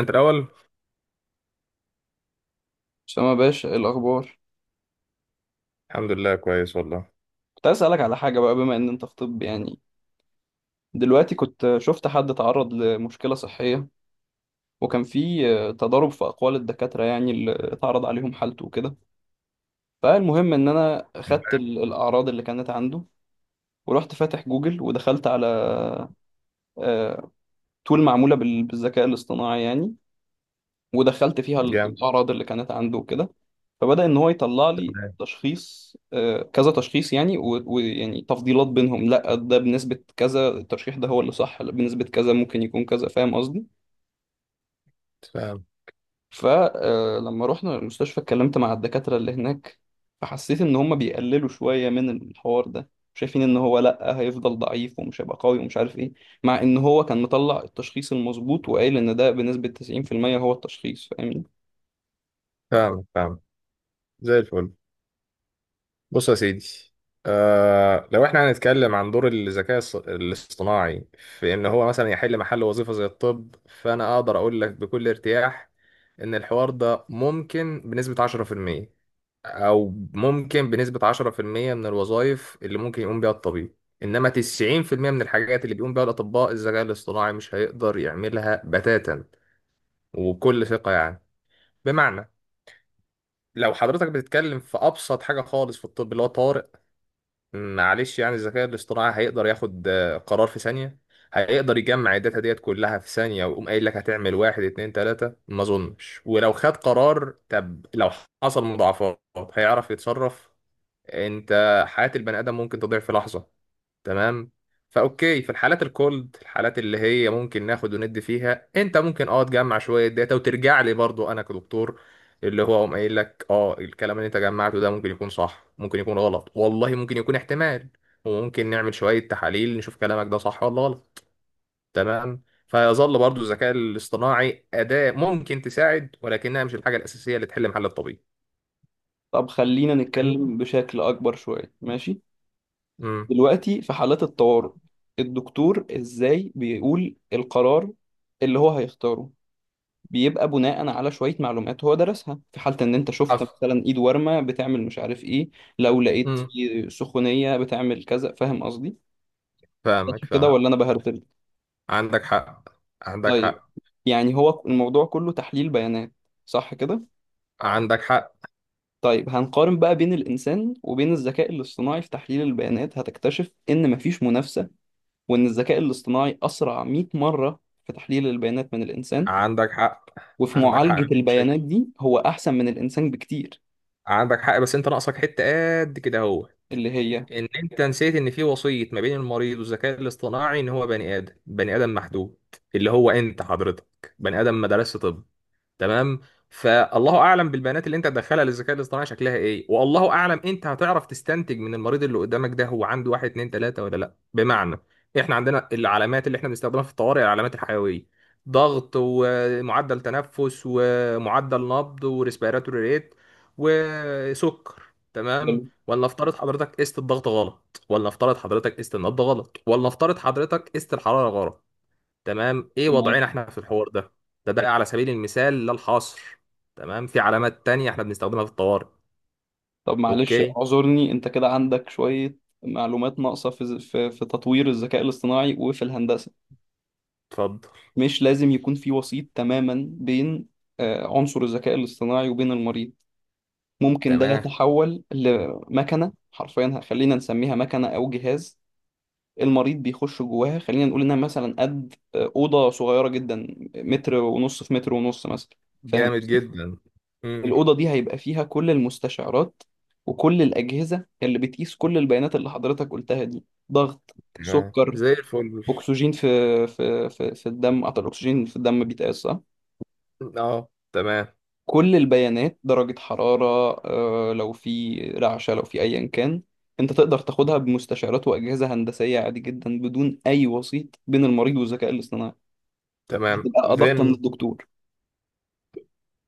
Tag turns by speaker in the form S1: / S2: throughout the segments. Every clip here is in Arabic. S1: انت الاول.
S2: أسامة يا باشا إيه الأخبار؟
S1: الحمد لله، كويس والله.
S2: كنت عايز أسألك على حاجة بقى بما إن أنت في طب، يعني دلوقتي كنت شفت حد تعرض لمشكلة صحية، وكان في تضارب في أقوال الدكاترة يعني اللي اتعرض عليهم حالته وكده. فالمهم إن أنا خدت الأعراض اللي كانت عنده، ورحت فاتح جوجل ودخلت على آه، تول معمولة بالذكاء الاصطناعي يعني، ودخلت فيها
S1: جامد.
S2: الأعراض اللي كانت عنده وكده. فبدأ إن هو يطلع لي
S1: تمام.
S2: تشخيص، كذا تشخيص يعني ويعني تفضيلات بينهم، لا ده بنسبة كذا الترشيح ده هو اللي صح، لا، بنسبة كذا ممكن يكون كذا، فاهم قصدي؟
S1: فاهم
S2: فلما رحنا المستشفى اتكلمت مع الدكاترة اللي هناك، فحسيت إن هما بيقللوا شوية من الحوار ده، شايفين إن هو لأ هيفضل ضعيف ومش هيبقى قوي ومش عارف إيه، مع إن هو كان مطلع التشخيص المظبوط وقايل إن ده بنسبة 90% هو التشخيص، فاهمني؟
S1: فاهم فاهم. زي الفل. بص يا سيدي، آه لو احنا هنتكلم عن دور الذكاء الاصطناعي في ان هو مثلا يحل محل وظيفة زي الطب، فانا اقدر اقول لك بكل ارتياح ان الحوار ده ممكن بنسبة 10%، او ممكن بنسبة 10% من الوظائف اللي ممكن يقوم بيها الطبيب. انما 90% من الحاجات اللي بيقوم بيها الاطباء، الذكاء الاصطناعي مش هيقدر يعملها بتاتا، وبكل ثقة يعني. بمعنى، لو حضرتك بتتكلم في ابسط حاجه خالص في الطب اللي هو طارئ، معلش يعني الذكاء الاصطناعي هيقدر ياخد قرار في ثانيه، هيقدر يجمع الداتا ديت كلها في ثانيه، ويقوم قايل لك هتعمل واحد اتنين تلاته. ما اظنش. ولو خد قرار، طب لو حصل مضاعفات هيعرف يتصرف؟ انت حياه البني ادم ممكن تضيع في لحظه، تمام؟ فاوكي، في الحالات الكولد، الحالات اللي هي ممكن ناخد وندي فيها، انت ممكن تجمع شويه داتا وترجع لي، برضو انا كدكتور اللي هو قام قايل لك الكلام اللي انت جمعته ده ممكن يكون صح، ممكن يكون غلط، والله ممكن يكون احتمال، وممكن نعمل شويه تحاليل نشوف كلامك ده صح ولا غلط. تمام؟ فيظل برضو الذكاء الاصطناعي اداه ممكن تساعد، ولكنها مش الحاجه الاساسيه اللي تحل محل الطبيب.
S2: طب خلينا
S1: فاهمني؟
S2: نتكلم بشكل أكبر شوية، ماشي؟
S1: امم.
S2: دلوقتي في حالات الطوارئ الدكتور إزاي بيقول القرار اللي هو هيختاره؟ بيبقى بناء على شوية معلومات هو درسها، في حالة إن أنت شفت
S1: حصل.
S2: مثلا إيد ورمة بتعمل مش عارف إيه، لو لقيت
S1: امم.
S2: في سخونية بتعمل كذا، فاهم قصدي؟ صح
S1: فاهمك،
S2: كده
S1: فاهم.
S2: ولا أنا بهرتل؟
S1: عندك حق، عندك
S2: طيب،
S1: حق.
S2: يعني هو الموضوع كله تحليل بيانات، صح كده؟
S1: عندك حق.
S2: طيب هنقارن بقى بين الإنسان وبين الذكاء الاصطناعي في تحليل البيانات، هتكتشف إن مفيش منافسة، وإن الذكاء الاصطناعي أسرع 100 مرة في تحليل البيانات من الإنسان،
S1: عندك حق.
S2: وفي
S1: عندك حق،
S2: معالجة
S1: مفيش مشاكل.
S2: البيانات دي هو أحسن من الإنسان بكتير.
S1: عندك حق، بس انت ناقصك حته قد كده اهو،
S2: اللي هي
S1: ان انت نسيت ان في وصيه ما بين المريض والذكاء الاصطناعي، ان هو بني ادم، بني ادم محدود. اللي هو، انت حضرتك بني ادم ما درسش طب، تمام؟ فالله اعلم بالبيانات اللي انت هتدخلها للذكاء الاصطناعي شكلها ايه، والله اعلم انت هتعرف تستنتج من المريض اللي قدامك ده هو عنده واحد اتنين تلاته ولا لا. بمعنى، احنا عندنا العلامات اللي احنا بنستخدمها في الطوارئ، العلامات الحيويه، ضغط ومعدل تنفس ومعدل نبض وريسبيراتوري ريت وسكر، تمام؟
S2: حلو
S1: ولا افترض حضرتك قست الضغط غلط، ولا افترض حضرتك قست النبض غلط، ولا افترض حضرتك قست الحراره غلط، تمام؟ ايه
S2: ماشي.
S1: وضعنا احنا في الحوار ده؟ ده على سبيل المثال لا الحصر، تمام؟ في علامات تانية احنا بنستخدمها في الطوارئ.
S2: طب معلش
S1: اوكي،
S2: اعذرني، أنت كده عندك شوية معلومات ناقصة في في تطوير الذكاء الاصطناعي وفي الهندسة.
S1: اتفضل.
S2: مش لازم يكون في وسيط تماما بين عنصر الذكاء الاصطناعي وبين المريض. ممكن ده
S1: تمام.
S2: يتحول لمكنة، حرفيا خلينا نسميها مكنة أو جهاز، المريض بيخش جواها، خلينا نقول انها مثلا قد اوضه صغيره جدا، متر ونص في متر ونص مثلا، فاهم
S1: جامد
S2: قصدي؟
S1: جدا. امم.
S2: الاوضه دي هيبقى فيها كل المستشعرات وكل الاجهزه اللي بتقيس كل البيانات اللي حضرتك قلتها دي، ضغط،
S1: تمام
S2: سكر،
S1: زي الفل.
S2: اكسجين في الدم، اعتقد الاكسجين في الدم بيتقاس صح.
S1: اه تمام.
S2: كل البيانات، درجه حراره، لو في رعشه، لو في ايا كان، انت تقدر تاخدها بمستشعرات واجهزه هندسيه عادي جدا بدون اي وسيط بين المريض والذكاء الاصطناعي.
S1: تمام.
S2: هتبقى أدق
S1: then
S2: من الدكتور.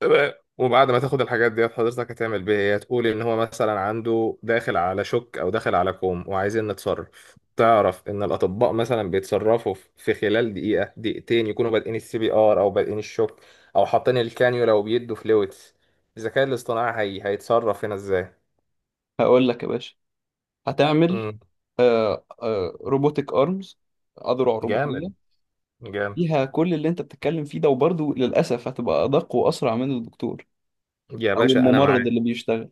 S1: تمام. وبعد ما تاخد الحاجات ديت، حضرتك هتعمل بيها ايه؟ هتقول ان هو مثلا عنده داخل على شك، او داخل على كوم، وعايزين نتصرف. تعرف ان الاطباء مثلا بيتصرفوا في خلال دقيقه دقيقتين، يكونوا بادئين السي بي ار، او بادئين الشك، او حاطين الكانيولا وبيدوا فلويدز. الذكاء الاصطناعي هيتصرف هنا ازاي؟
S2: هقول لك يا باشا، هتعمل
S1: مم.
S2: روبوتك أرمز، أذرع روبوتية
S1: جامد. جامد.
S2: فيها كل اللي أنت بتتكلم فيه ده، وبرضه للأسف هتبقى أدق وأسرع من الدكتور
S1: يا
S2: أو
S1: باشا انا
S2: الممرض
S1: معاك،
S2: اللي بيشتغل.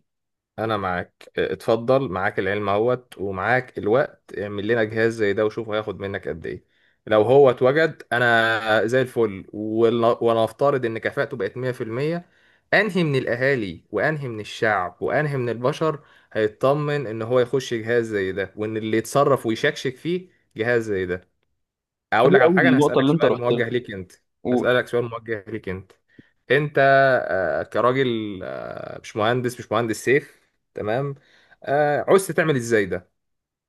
S1: انا معاك. اتفضل، معاك العلم اهوت ومعاك الوقت، اعمل لنا جهاز زي ده وشوف هياخد منك قد ايه. لو هو اتوجد، انا زي الفل، ونفترض ان كفاءته بقت 100%، انهي من الاهالي وانهي من الشعب وانهي من البشر هيطمن ان هو يخش جهاز زي ده، وان اللي يتصرف ويشكشك فيه جهاز زي ده؟ اقول
S2: حلو
S1: لك على
S2: قوي
S1: حاجه، انا
S2: النقطة
S1: هسالك
S2: اللي أنت
S1: سؤال
S2: رحت لها،
S1: موجه ليك انت،
S2: قول.
S1: هسالك سؤال موجه ليك انت. انت، كراجل، مش مهندس، مش مهندس سيف، تمام؟ عوزت تعمل ازاي ده؟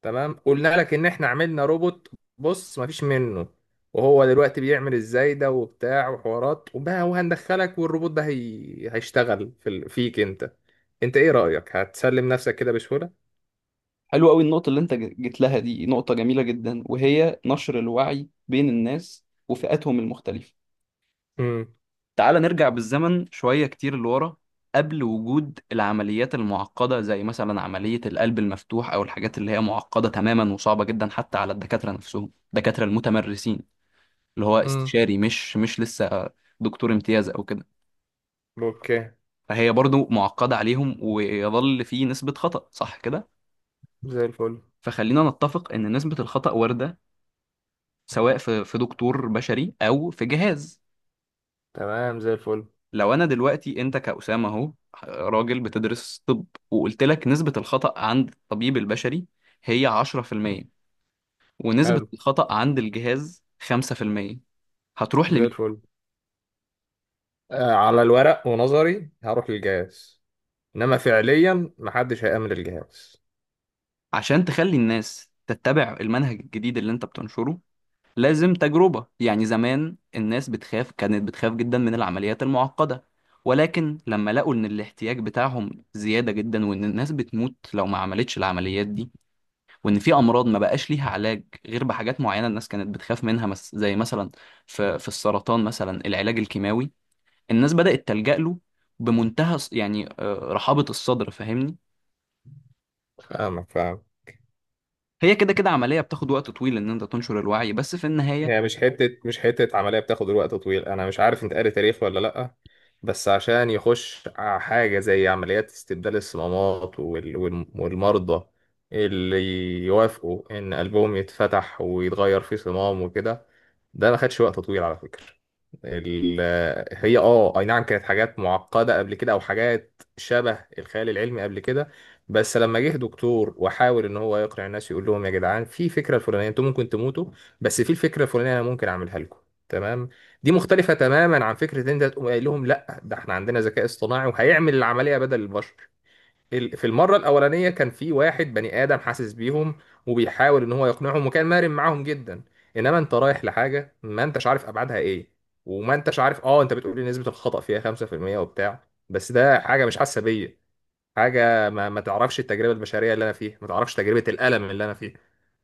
S1: تمام، قلنا لك ان احنا عملنا روبوت، بص مفيش منه، وهو دلوقتي بيعمل ازاي ده وبتاع وحوارات وبقى، وهندخلك والروبوت ده هيشتغل فيك انت. انت ايه رأيك، هتسلم نفسك كده بسهولة؟
S2: حلو قوي النقطة اللي أنت جيت لها، دي نقطة جميلة جدا، وهي نشر الوعي بين الناس وفئاتهم المختلفة.
S1: امم.
S2: تعال نرجع بالزمن شوية كتير لورا، قبل وجود العمليات المعقدة زي مثلا عملية القلب المفتوح، أو الحاجات اللي هي معقدة تماما وصعبة جدا حتى على الدكاترة نفسهم، الدكاترة المتمرسين، اللي هو
S1: امم.
S2: استشاري مش لسه دكتور امتياز أو كده،
S1: اوكي.
S2: فهي برضو معقدة عليهم، ويظل في نسبة خطأ، صح كده؟
S1: زي الفل.
S2: فخلينا نتفق إن نسبة الخطأ واردة، سواء في دكتور بشري أو في جهاز.
S1: تمام زي الفل.
S2: لو انا دلوقتي انت كأسامة اهو، راجل بتدرس طب، وقلت لك نسبة الخطأ عند الطبيب البشري هي 10%، ونسبة
S1: حلو.
S2: الخطأ عند الجهاز 5%، هتروح
S1: زي
S2: لمين؟
S1: الفل. على الورق ونظري هروح للجهاز، انما فعليا محدش هيأمن الجهاز.
S2: عشان تخلي الناس تتبع المنهج الجديد اللي انت بتنشره لازم تجربة، يعني زمان الناس بتخاف، كانت بتخاف جدا من العمليات المعقدة، ولكن لما لقوا ان الاحتياج بتاعهم زيادة جدا وان الناس بتموت لو ما عملتش العمليات دي، وان في امراض ما بقاش ليها علاج غير بحاجات معينه الناس كانت بتخاف منها، مس زي مثلا في في السرطان مثلا العلاج الكيماوي، الناس بدات تلجا له بمنتهى يعني رحابه الصدر، فاهمني؟
S1: فاهمك، فاهم.
S2: هي كده كده عمليه بتاخد وقت طويل ان انت تنشر الوعي، بس في النهايه.
S1: هي مش حتة، مش حتة عملية بتاخد الوقت طويل، أنا مش عارف أنت قاري تاريخ ولا لأ، بس عشان يخش حاجة زي عمليات استبدال الصمامات والمرضى اللي يوافقوا إن قلبهم يتفتح ويتغير فيه صمام وكده، ده ما خدش وقت طويل على فكرة. ال- هي اي نعم، كانت حاجات معقدة قبل كده، او حاجات شبه الخيال العلمي قبل كده، بس لما جه دكتور وحاول ان هو يقنع الناس، يقول لهم يا جدعان في فكرة الفلانية انتوا ممكن تموتوا، بس في الفكره الفلانيه انا ممكن اعملها لكم، تمام؟ دي مختلفه تماما عن فكره ان انت تقوم قايل لهم لا ده احنا عندنا ذكاء اصطناعي وهيعمل العمليه بدل البشر. في المره الاولانيه كان في واحد بني ادم حاسس بيهم وبيحاول ان هو يقنعهم، وكان مرن معاهم جدا. انما انت رايح لحاجه ما انتش عارف ابعادها ايه، وما انتش عارف، انت بتقول لي نسبه الخطا فيها 5% وبتاع، بس ده حاجه مش حاسه بيا، حاجه ما تعرفش التجربه البشريه اللي انا فيها، ما تعرفش تجربه الالم اللي انا.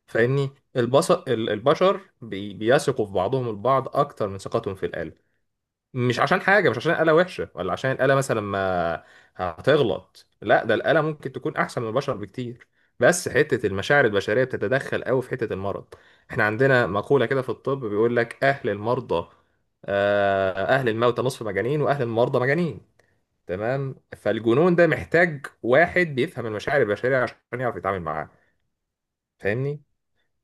S1: فاهمني؟ البشر بيثقوا في بعضهم البعض اكتر من ثقتهم في الآلة. مش عشان حاجة، مش عشان الآلة وحشة، ولا عشان الآلة مثلا ما هتغلط، لا ده الآلة ممكن تكون احسن من البشر بكتير، بس حتة المشاعر البشرية بتتدخل قوي في حتة المرض. احنا عندنا مقولة كده في الطب، بيقول لك اهل المرضى، اهل الموتى نصف مجانين، واهل المرضى مجانين، تمام؟ فالجنون ده محتاج واحد بيفهم المشاعر البشرية عشان يعرف يتعامل معاه، فاهمني؟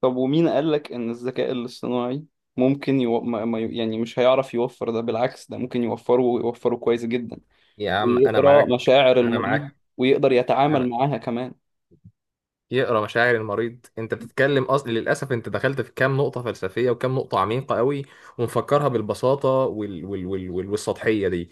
S2: طب ومين قالك إن الذكاء الاصطناعي ممكن يو... ما... ما... يو- يعني مش هيعرف يوفر ده؟ بالعكس، ده ممكن يوفره ويوفره كويس جدا،
S1: يا عم انا
S2: ويقرأ
S1: معاك،
S2: مشاعر
S1: انا
S2: المريض
S1: معاك.
S2: ويقدر يتعامل
S1: انا،
S2: معاها كمان.
S1: يقرا مشاعر المريض؟ انت بتتكلم، اصل للاسف انت دخلت في كام نقطه فلسفيه وكام نقطه عميقه قوي، ومفكرها بالبساطه والسطحيه دي.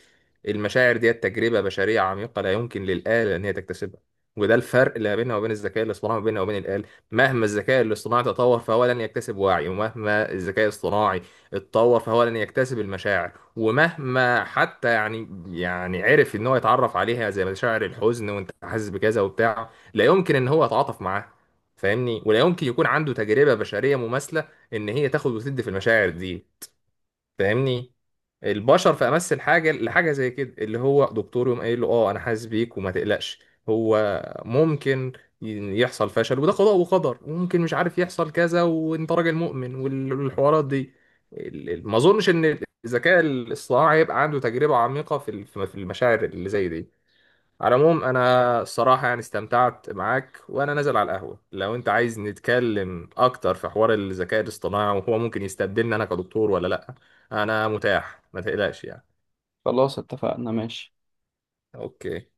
S1: المشاعر دي تجربه بشريه عميقه لا يمكن للاله ان هي تكتسبها، وده الفرق اللي بيننا وبين الذكاء الاصطناعي، ما بيننا وبين الآلة. مهما الذكاء الاصطناعي تطور فهو لن يكتسب وعي، ومهما الذكاء الاصطناعي اتطور فهو لن يكتسب المشاعر. ومهما حتى يعني عرف ان هو يتعرف عليها زي مشاعر الحزن، وانت حاسس بكذا وبتاع، لا يمكن ان هو يتعاطف معاه. فاهمني؟ ولا يمكن يكون عنده تجربة بشرية مماثلة ان هي تاخد وتدي في المشاعر دي. فاهمني؟ البشر في امس الحاجة لحاجة زي كده، اللي هو دكتور يقوم قايل له اه انا حاسس بيك، وما تقلقش هو ممكن يحصل فشل، وده قضاء وقدر، وممكن مش عارف يحصل كذا، وانت راجل مؤمن والحوارات دي. ما اظنش ان الذكاء الاصطناعي يبقى عنده تجربة عميقة في المشاعر اللي زي دي. على العموم، انا الصراحه يعني استمتعت معاك، وانا نازل على القهوه، لو انت عايز نتكلم اكتر في حوار الذكاء الاصطناعي وهو ممكن يستبدلني انا كدكتور ولا لا، انا متاح ما تقلقش يعني.
S2: خلاص اتفقنا، ماشي.
S1: اوكي.